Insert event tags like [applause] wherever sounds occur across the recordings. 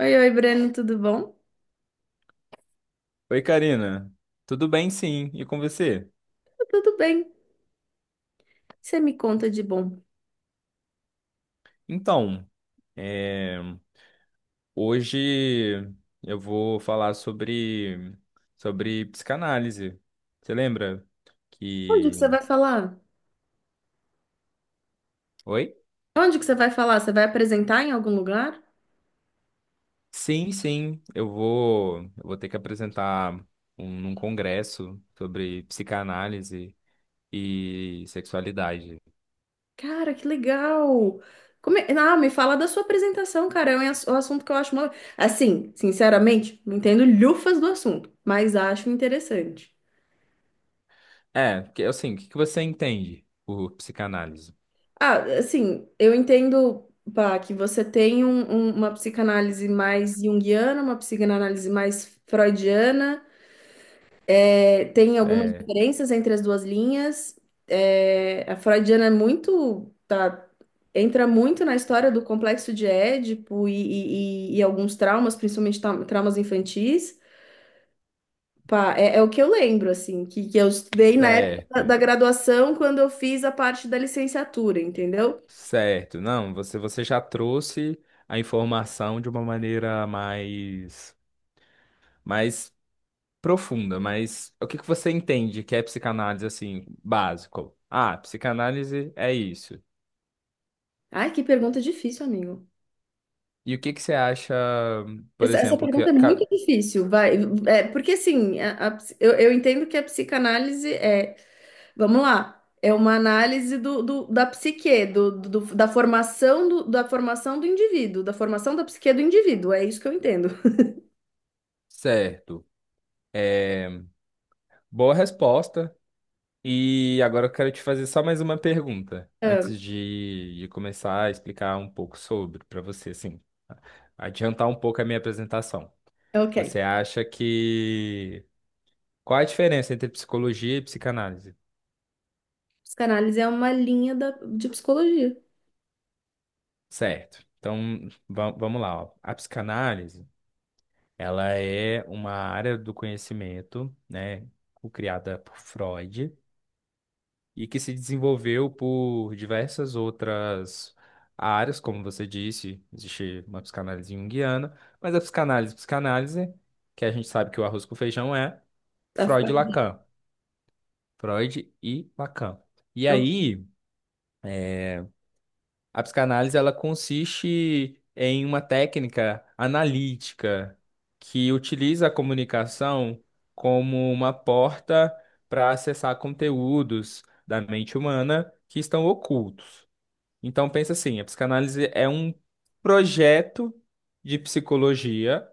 Oi, oi, Breno, tudo bom? Oi, Karina. Tudo bem, sim. E com você? Tá tudo bem. Você me conta de bom. Então, é, hoje eu vou falar sobre psicanálise. Você lembra Onde que você que... vai falar? Oi? Onde que você vai falar? Você vai apresentar em algum lugar? Sim, sim. Eu vou ter que apresentar um, num congresso sobre psicanálise e sexualidade. Cara, que legal! Ah, me fala da sua apresentação, cara. É um um assunto que eu acho... Assim, sinceramente, não entendo lhufas do assunto, mas acho interessante. É, porque assim, o que que você entende por psicanálise? Ah, assim, eu entendo, pá, que você tem uma psicanálise mais junguiana, uma psicanálise mais freudiana. Tem algumas É, diferenças entre as duas linhas. É, a freudiana é muito, tá, entra muito na história do complexo de Édipo e alguns traumas, principalmente traumas infantis. Pá, é, é o que eu lembro, assim, que, eu estudei na época certo. da graduação, quando eu fiz a parte da licenciatura, entendeu? Certo, não, você já trouxe a informação de uma maneira mais profunda, mas o que que você entende que é psicanálise assim, básico? Ah, psicanálise é isso. Ai, que pergunta difícil, amigo. E o que que você acha, por Essa exemplo, pergunta é muito difícil, vai. É, porque assim, eu entendo que a psicanálise é... Vamos lá. É uma análise da psique, da formação da formação do indivíduo, da formação da psique do indivíduo. É isso que eu entendo. certo, é boa resposta. E agora eu quero te fazer só mais uma pergunta, É, antes de começar a explicar um pouco sobre, para você, assim, adiantar um pouco a minha apresentação. ok. Você acha que... Qual a diferença entre psicologia e psicanálise? Psicanálise é uma linha de psicologia. Certo. Então, vamos lá, ó. A psicanálise, ela é uma área do conhecimento, né, criada por Freud, e que se desenvolveu por diversas outras áreas, como você disse, existe uma psicanálise junguiana, mas a psicanálise, psicanálise, que a gente sabe que o arroz com feijão é Tá? Freud e Lacan, Freud e Lacan. E É. aí, a psicanálise ela consiste em uma técnica analítica que utiliza a comunicação como uma porta para acessar conteúdos da mente humana que estão ocultos. Então pensa assim, a psicanálise é um projeto de psicologia,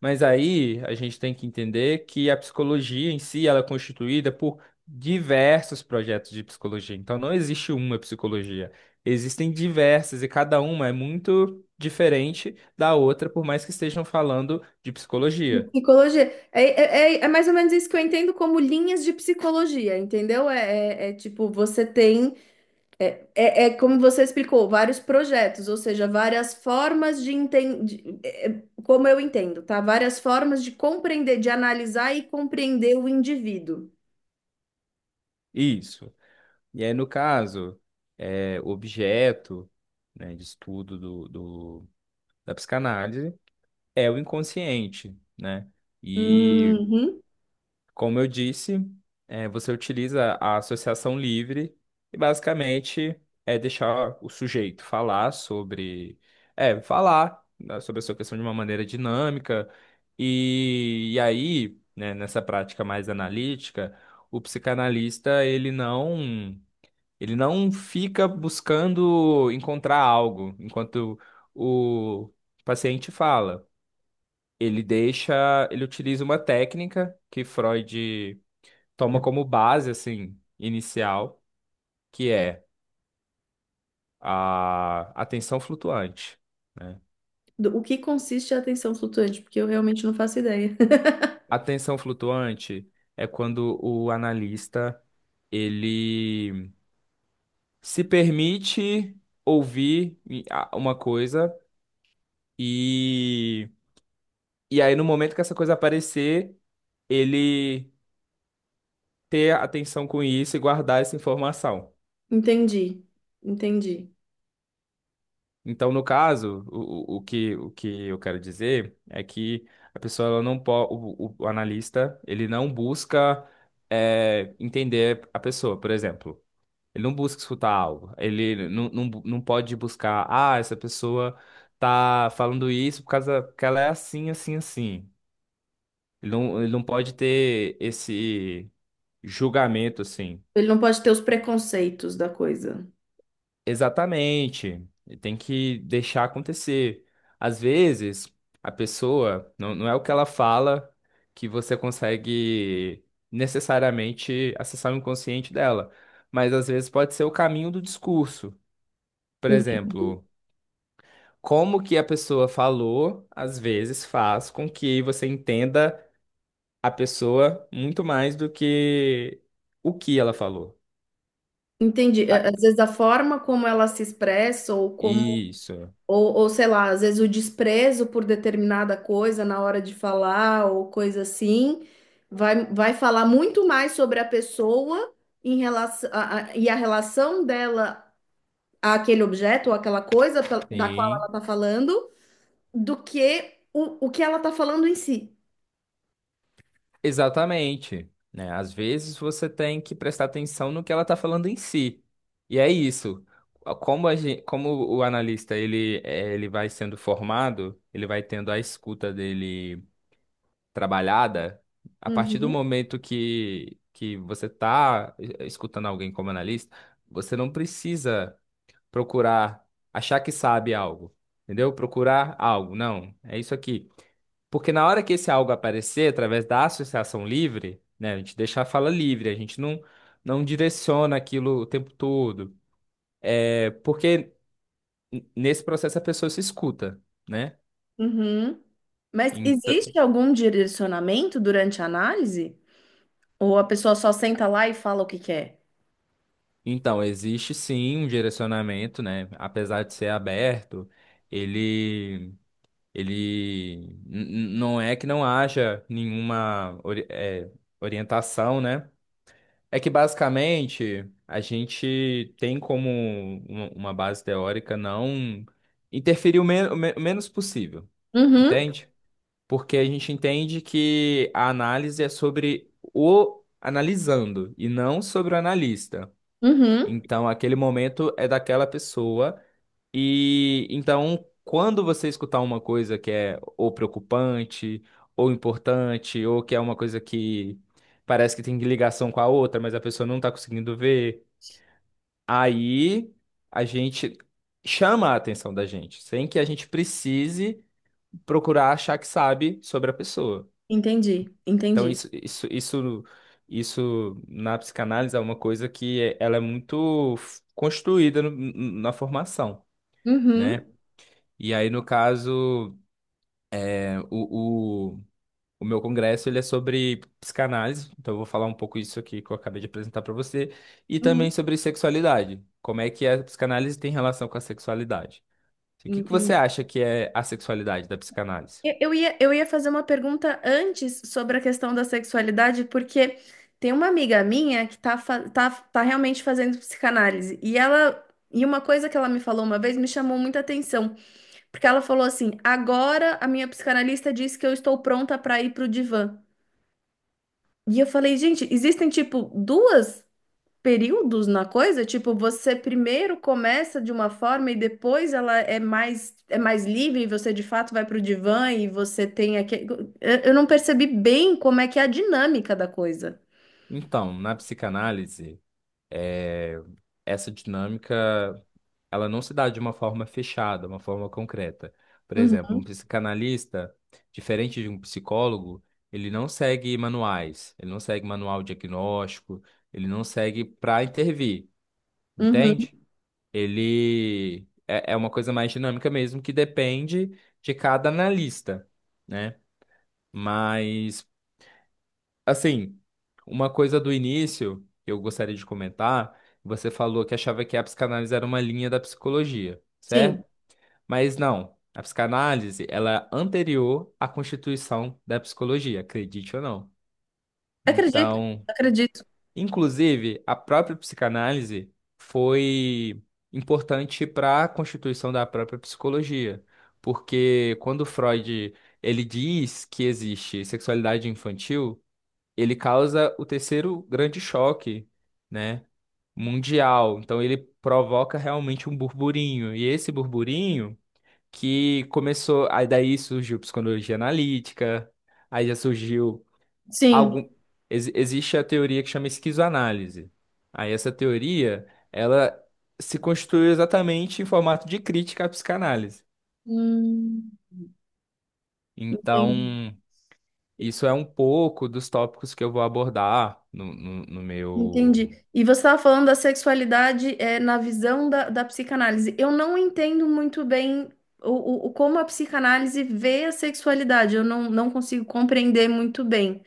mas aí a gente tem que entender que a psicologia em si ela é constituída por diversos projetos de psicologia. Então não existe uma psicologia. Existem diversas e cada uma é muito diferente da outra, por mais que estejam falando de psicologia. Psicologia. É, é, é mais ou menos isso que eu entendo como linhas de psicologia, entendeu? É, é, é tipo, você tem... É, é como você explicou, vários projetos, ou seja, várias formas de entender, como eu entendo, tá? Várias formas de compreender, de analisar e compreender o indivíduo. Isso. E aí, no caso, é, o objeto, né, de estudo da psicanálise é o inconsciente, né? E, Uhum. como eu disse, é, você utiliza a associação livre e basicamente é deixar o sujeito falar sobre, é, falar né, sobre a sua questão de uma maneira dinâmica. E aí, né, nessa prática mais analítica, o psicanalista, ele não fica buscando encontrar algo enquanto o paciente fala, ele deixa, ele utiliza uma técnica que Freud toma como base assim inicial, que é a atenção flutuante, né? O que consiste a atenção flutuante? Porque eu realmente não faço ideia. [laughs] A atenção flutuante é quando o analista ele se permite ouvir uma coisa e e aí no momento que essa coisa aparecer, ele ter atenção com isso e guardar essa informação. Entendi, entendi. Então, no caso, o que eu quero dizer é que a pessoa ela não pode, o analista, ele não busca entender a pessoa, por exemplo. Ele não busca escutar algo. Ele não pode buscar, ah, essa pessoa tá falando isso por causa que ela é assim, assim, assim. Ele não pode ter esse julgamento, assim. Ele não pode ter os preconceitos da coisa. Exatamente. E tem que deixar acontecer. Às vezes, a pessoa, não, não é o que ela fala que você consegue necessariamente acessar o inconsciente dela, mas às vezes pode ser o caminho do discurso. Por En- exemplo, como que a pessoa falou, às vezes faz com que você entenda a pessoa muito mais do que o que ela falou. Entendi. É, Ah, às vezes a forma como ela se expressa ou como... isso. Ou sei lá, às vezes o desprezo por determinada coisa na hora de falar ou coisa assim, vai, vai falar muito mais sobre a pessoa em relação e a relação dela àquele objeto ou aquela coisa da qual ela Sim. está falando do que o que ela está falando em si. Exatamente, né? Às vezes você tem que prestar atenção no que ela está falando em si. E é isso. Como a gente, como o analista ele, ele vai sendo formado, ele vai tendo a escuta dele trabalhada, a partir do Uhum. momento que você está escutando alguém como analista, você não precisa procurar achar que sabe algo, entendeu? Procurar algo, não. É isso aqui. Porque na hora que esse algo aparecer, através da associação livre, né, a gente deixa a fala livre, a gente não, não direciona aquilo o tempo todo. É porque nesse processo a pessoa se escuta, né? Uhum. Mas Enta- existe algum direcionamento durante a análise? Ou a pessoa só senta lá e fala o que quer? Então, existe sim um direcionamento, né? Apesar de ser aberto, ele, ele não é que não haja nenhuma orientação, né? É que basicamente a gente tem como uma base teórica não interferir o, o menos possível, Uhum, entende? Porque a gente entende que a análise é sobre o analisando e não sobre o analista. uhum. Então, aquele momento é daquela pessoa e então, quando você escutar uma coisa que é ou preocupante, ou importante, ou que é uma coisa que parece que tem ligação com a outra, mas a pessoa não está conseguindo ver, aí a gente chama a atenção da gente, sem que a gente precise procurar achar que sabe sobre a pessoa. Entendi, Então, entendi. isso na psicanálise é uma coisa que ela é muito construída na formação, Uhum, né? E aí, no caso. O, o, o meu congresso ele é sobre psicanálise, então eu vou falar um pouco isso aqui que eu acabei de apresentar para você, e também uhum, sobre sexualidade. Como é que a psicanálise tem relação com a sexualidade? O que que você entendi. acha que é a sexualidade da psicanálise? Eu ia fazer uma pergunta antes sobre a questão da sexualidade, porque tem uma amiga minha que tá, fa- tá, tá realmente fazendo psicanálise, e ela. E uma coisa que ela me falou uma vez me chamou muita atenção, porque ela falou assim: agora a minha psicanalista disse que eu estou pronta para ir pro divã. E eu falei, gente, existem tipo duas períodos na coisa? Tipo, você primeiro começa de uma forma e depois ela é mais livre e você de fato vai para o divã e você tem aquele... Eu não percebi bem como é que é a dinâmica da coisa. Então, na psicanálise. É, essa dinâmica, ela não se dá de uma forma fechada, uma forma concreta. Por Uhum. exemplo, um psicanalista, diferente de um psicólogo, ele não segue manuais, ele não segue manual diagnóstico, ele não segue para intervir, Uhum, entende? Ele é, é uma coisa mais dinâmica mesmo, que depende de cada analista, né? Mas assim, uma coisa do início que eu gostaria de comentar, você falou que achava que a psicanálise era uma linha da psicologia, sim. certo? Mas não, a psicanálise, ela é anterior à constituição da psicologia, acredite ou não. Acredito, Então, acredito. inclusive, a própria psicanálise foi importante para a constituição da própria psicologia, porque quando Freud, ele diz que existe sexualidade infantil, ele causa o terceiro grande choque, né, mundial. Então ele provoca realmente um burburinho. E esse burburinho que começou, aí daí surgiu psicologia analítica, aí já surgiu Sim. algum existe a teoria que chama esquizoanálise. Aí essa teoria, ela se construiu exatamente em formato de crítica à psicanálise. Hum. Entendi. Então, isso é um pouco dos tópicos que eu vou abordar no meu. Entendi. E você estava falando da sexualidade, é, na visão da psicanálise. Eu não entendo muito bem como a psicanálise vê a sexualidade. Eu não, não consigo compreender muito bem.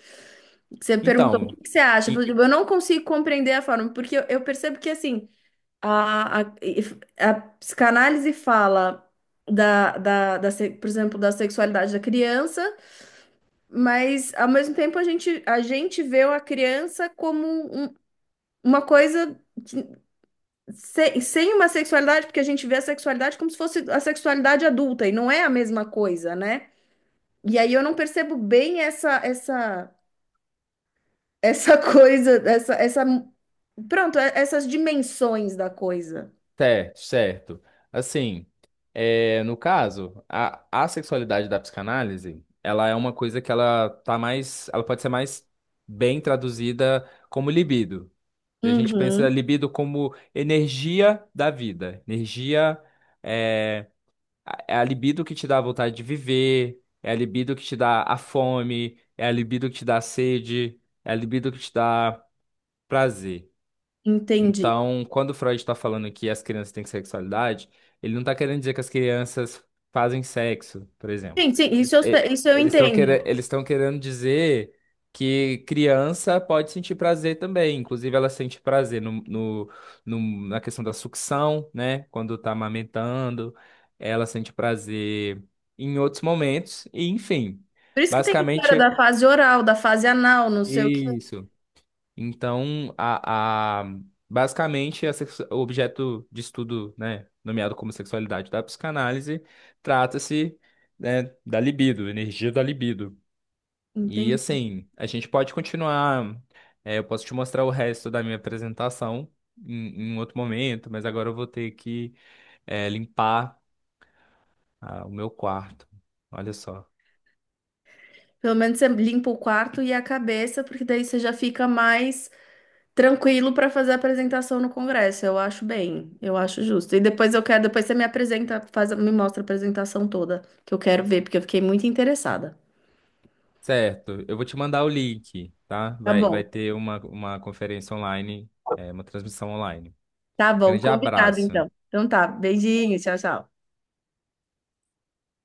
Você perguntou o que Então, que você acha. Eu e- falei: "Tipo, eu não consigo compreender a forma, porque eu percebo que assim a, a, a psicanálise fala da, por exemplo, da sexualidade da criança, mas ao mesmo tempo a gente vê a criança como uma coisa. Sem, sem uma sexualidade, porque a gente vê a sexualidade como se fosse a sexualidade adulta, e não é a mesma coisa, né? E aí eu não percebo bem essa [laughs] coisa, pronto, essas dimensões da coisa. Certo. Assim, é, no caso, a sexualidade da psicanálise, ela é uma coisa que ela tá mais, ela pode ser mais bem traduzida como libido. E a gente pensa Uhum, libido como energia da vida, energia é, é a libido que te dá a vontade de viver, é a libido que te dá a fome, é a libido que te dá a sede, é a libido que te dá prazer. entendi. Então, quando Freud está falando que as crianças têm sexualidade, ele não está querendo dizer que as crianças fazem sexo, por exemplo. Sim, sim, isso eu, isso eu entendo. Eles estão querendo dizer que criança pode sentir prazer também. Inclusive, ela sente prazer na questão da sucção, né? Quando está amamentando, ela sente prazer em outros momentos, e enfim. Por isso que tem história Basicamente, da fase oral, da fase anal, não sei o que. isso. Então, basicamente, o objeto de estudo, né, nomeado como sexualidade da psicanálise, trata-se, né, da libido, energia da libido. E Entende? assim, a gente pode continuar. É, eu posso te mostrar o resto da minha apresentação em um outro momento, mas agora eu vou ter que, é, limpar, ah, o meu quarto. Olha só. Pelo menos você limpa o quarto e a cabeça, porque daí você já fica mais tranquilo para fazer a apresentação no Congresso. Eu acho bem, eu acho justo. E depois eu quero, depois você me apresenta, faz, me mostra a apresentação toda, que eu quero ver, porque eu fiquei muito interessada. Certo, eu vou te mandar o link, tá? Tá Vai bom, ter uma conferência online, é, uma transmissão online. tá bom, Grande combinado abraço. então. Então tá, beijinho, tchau, tchau.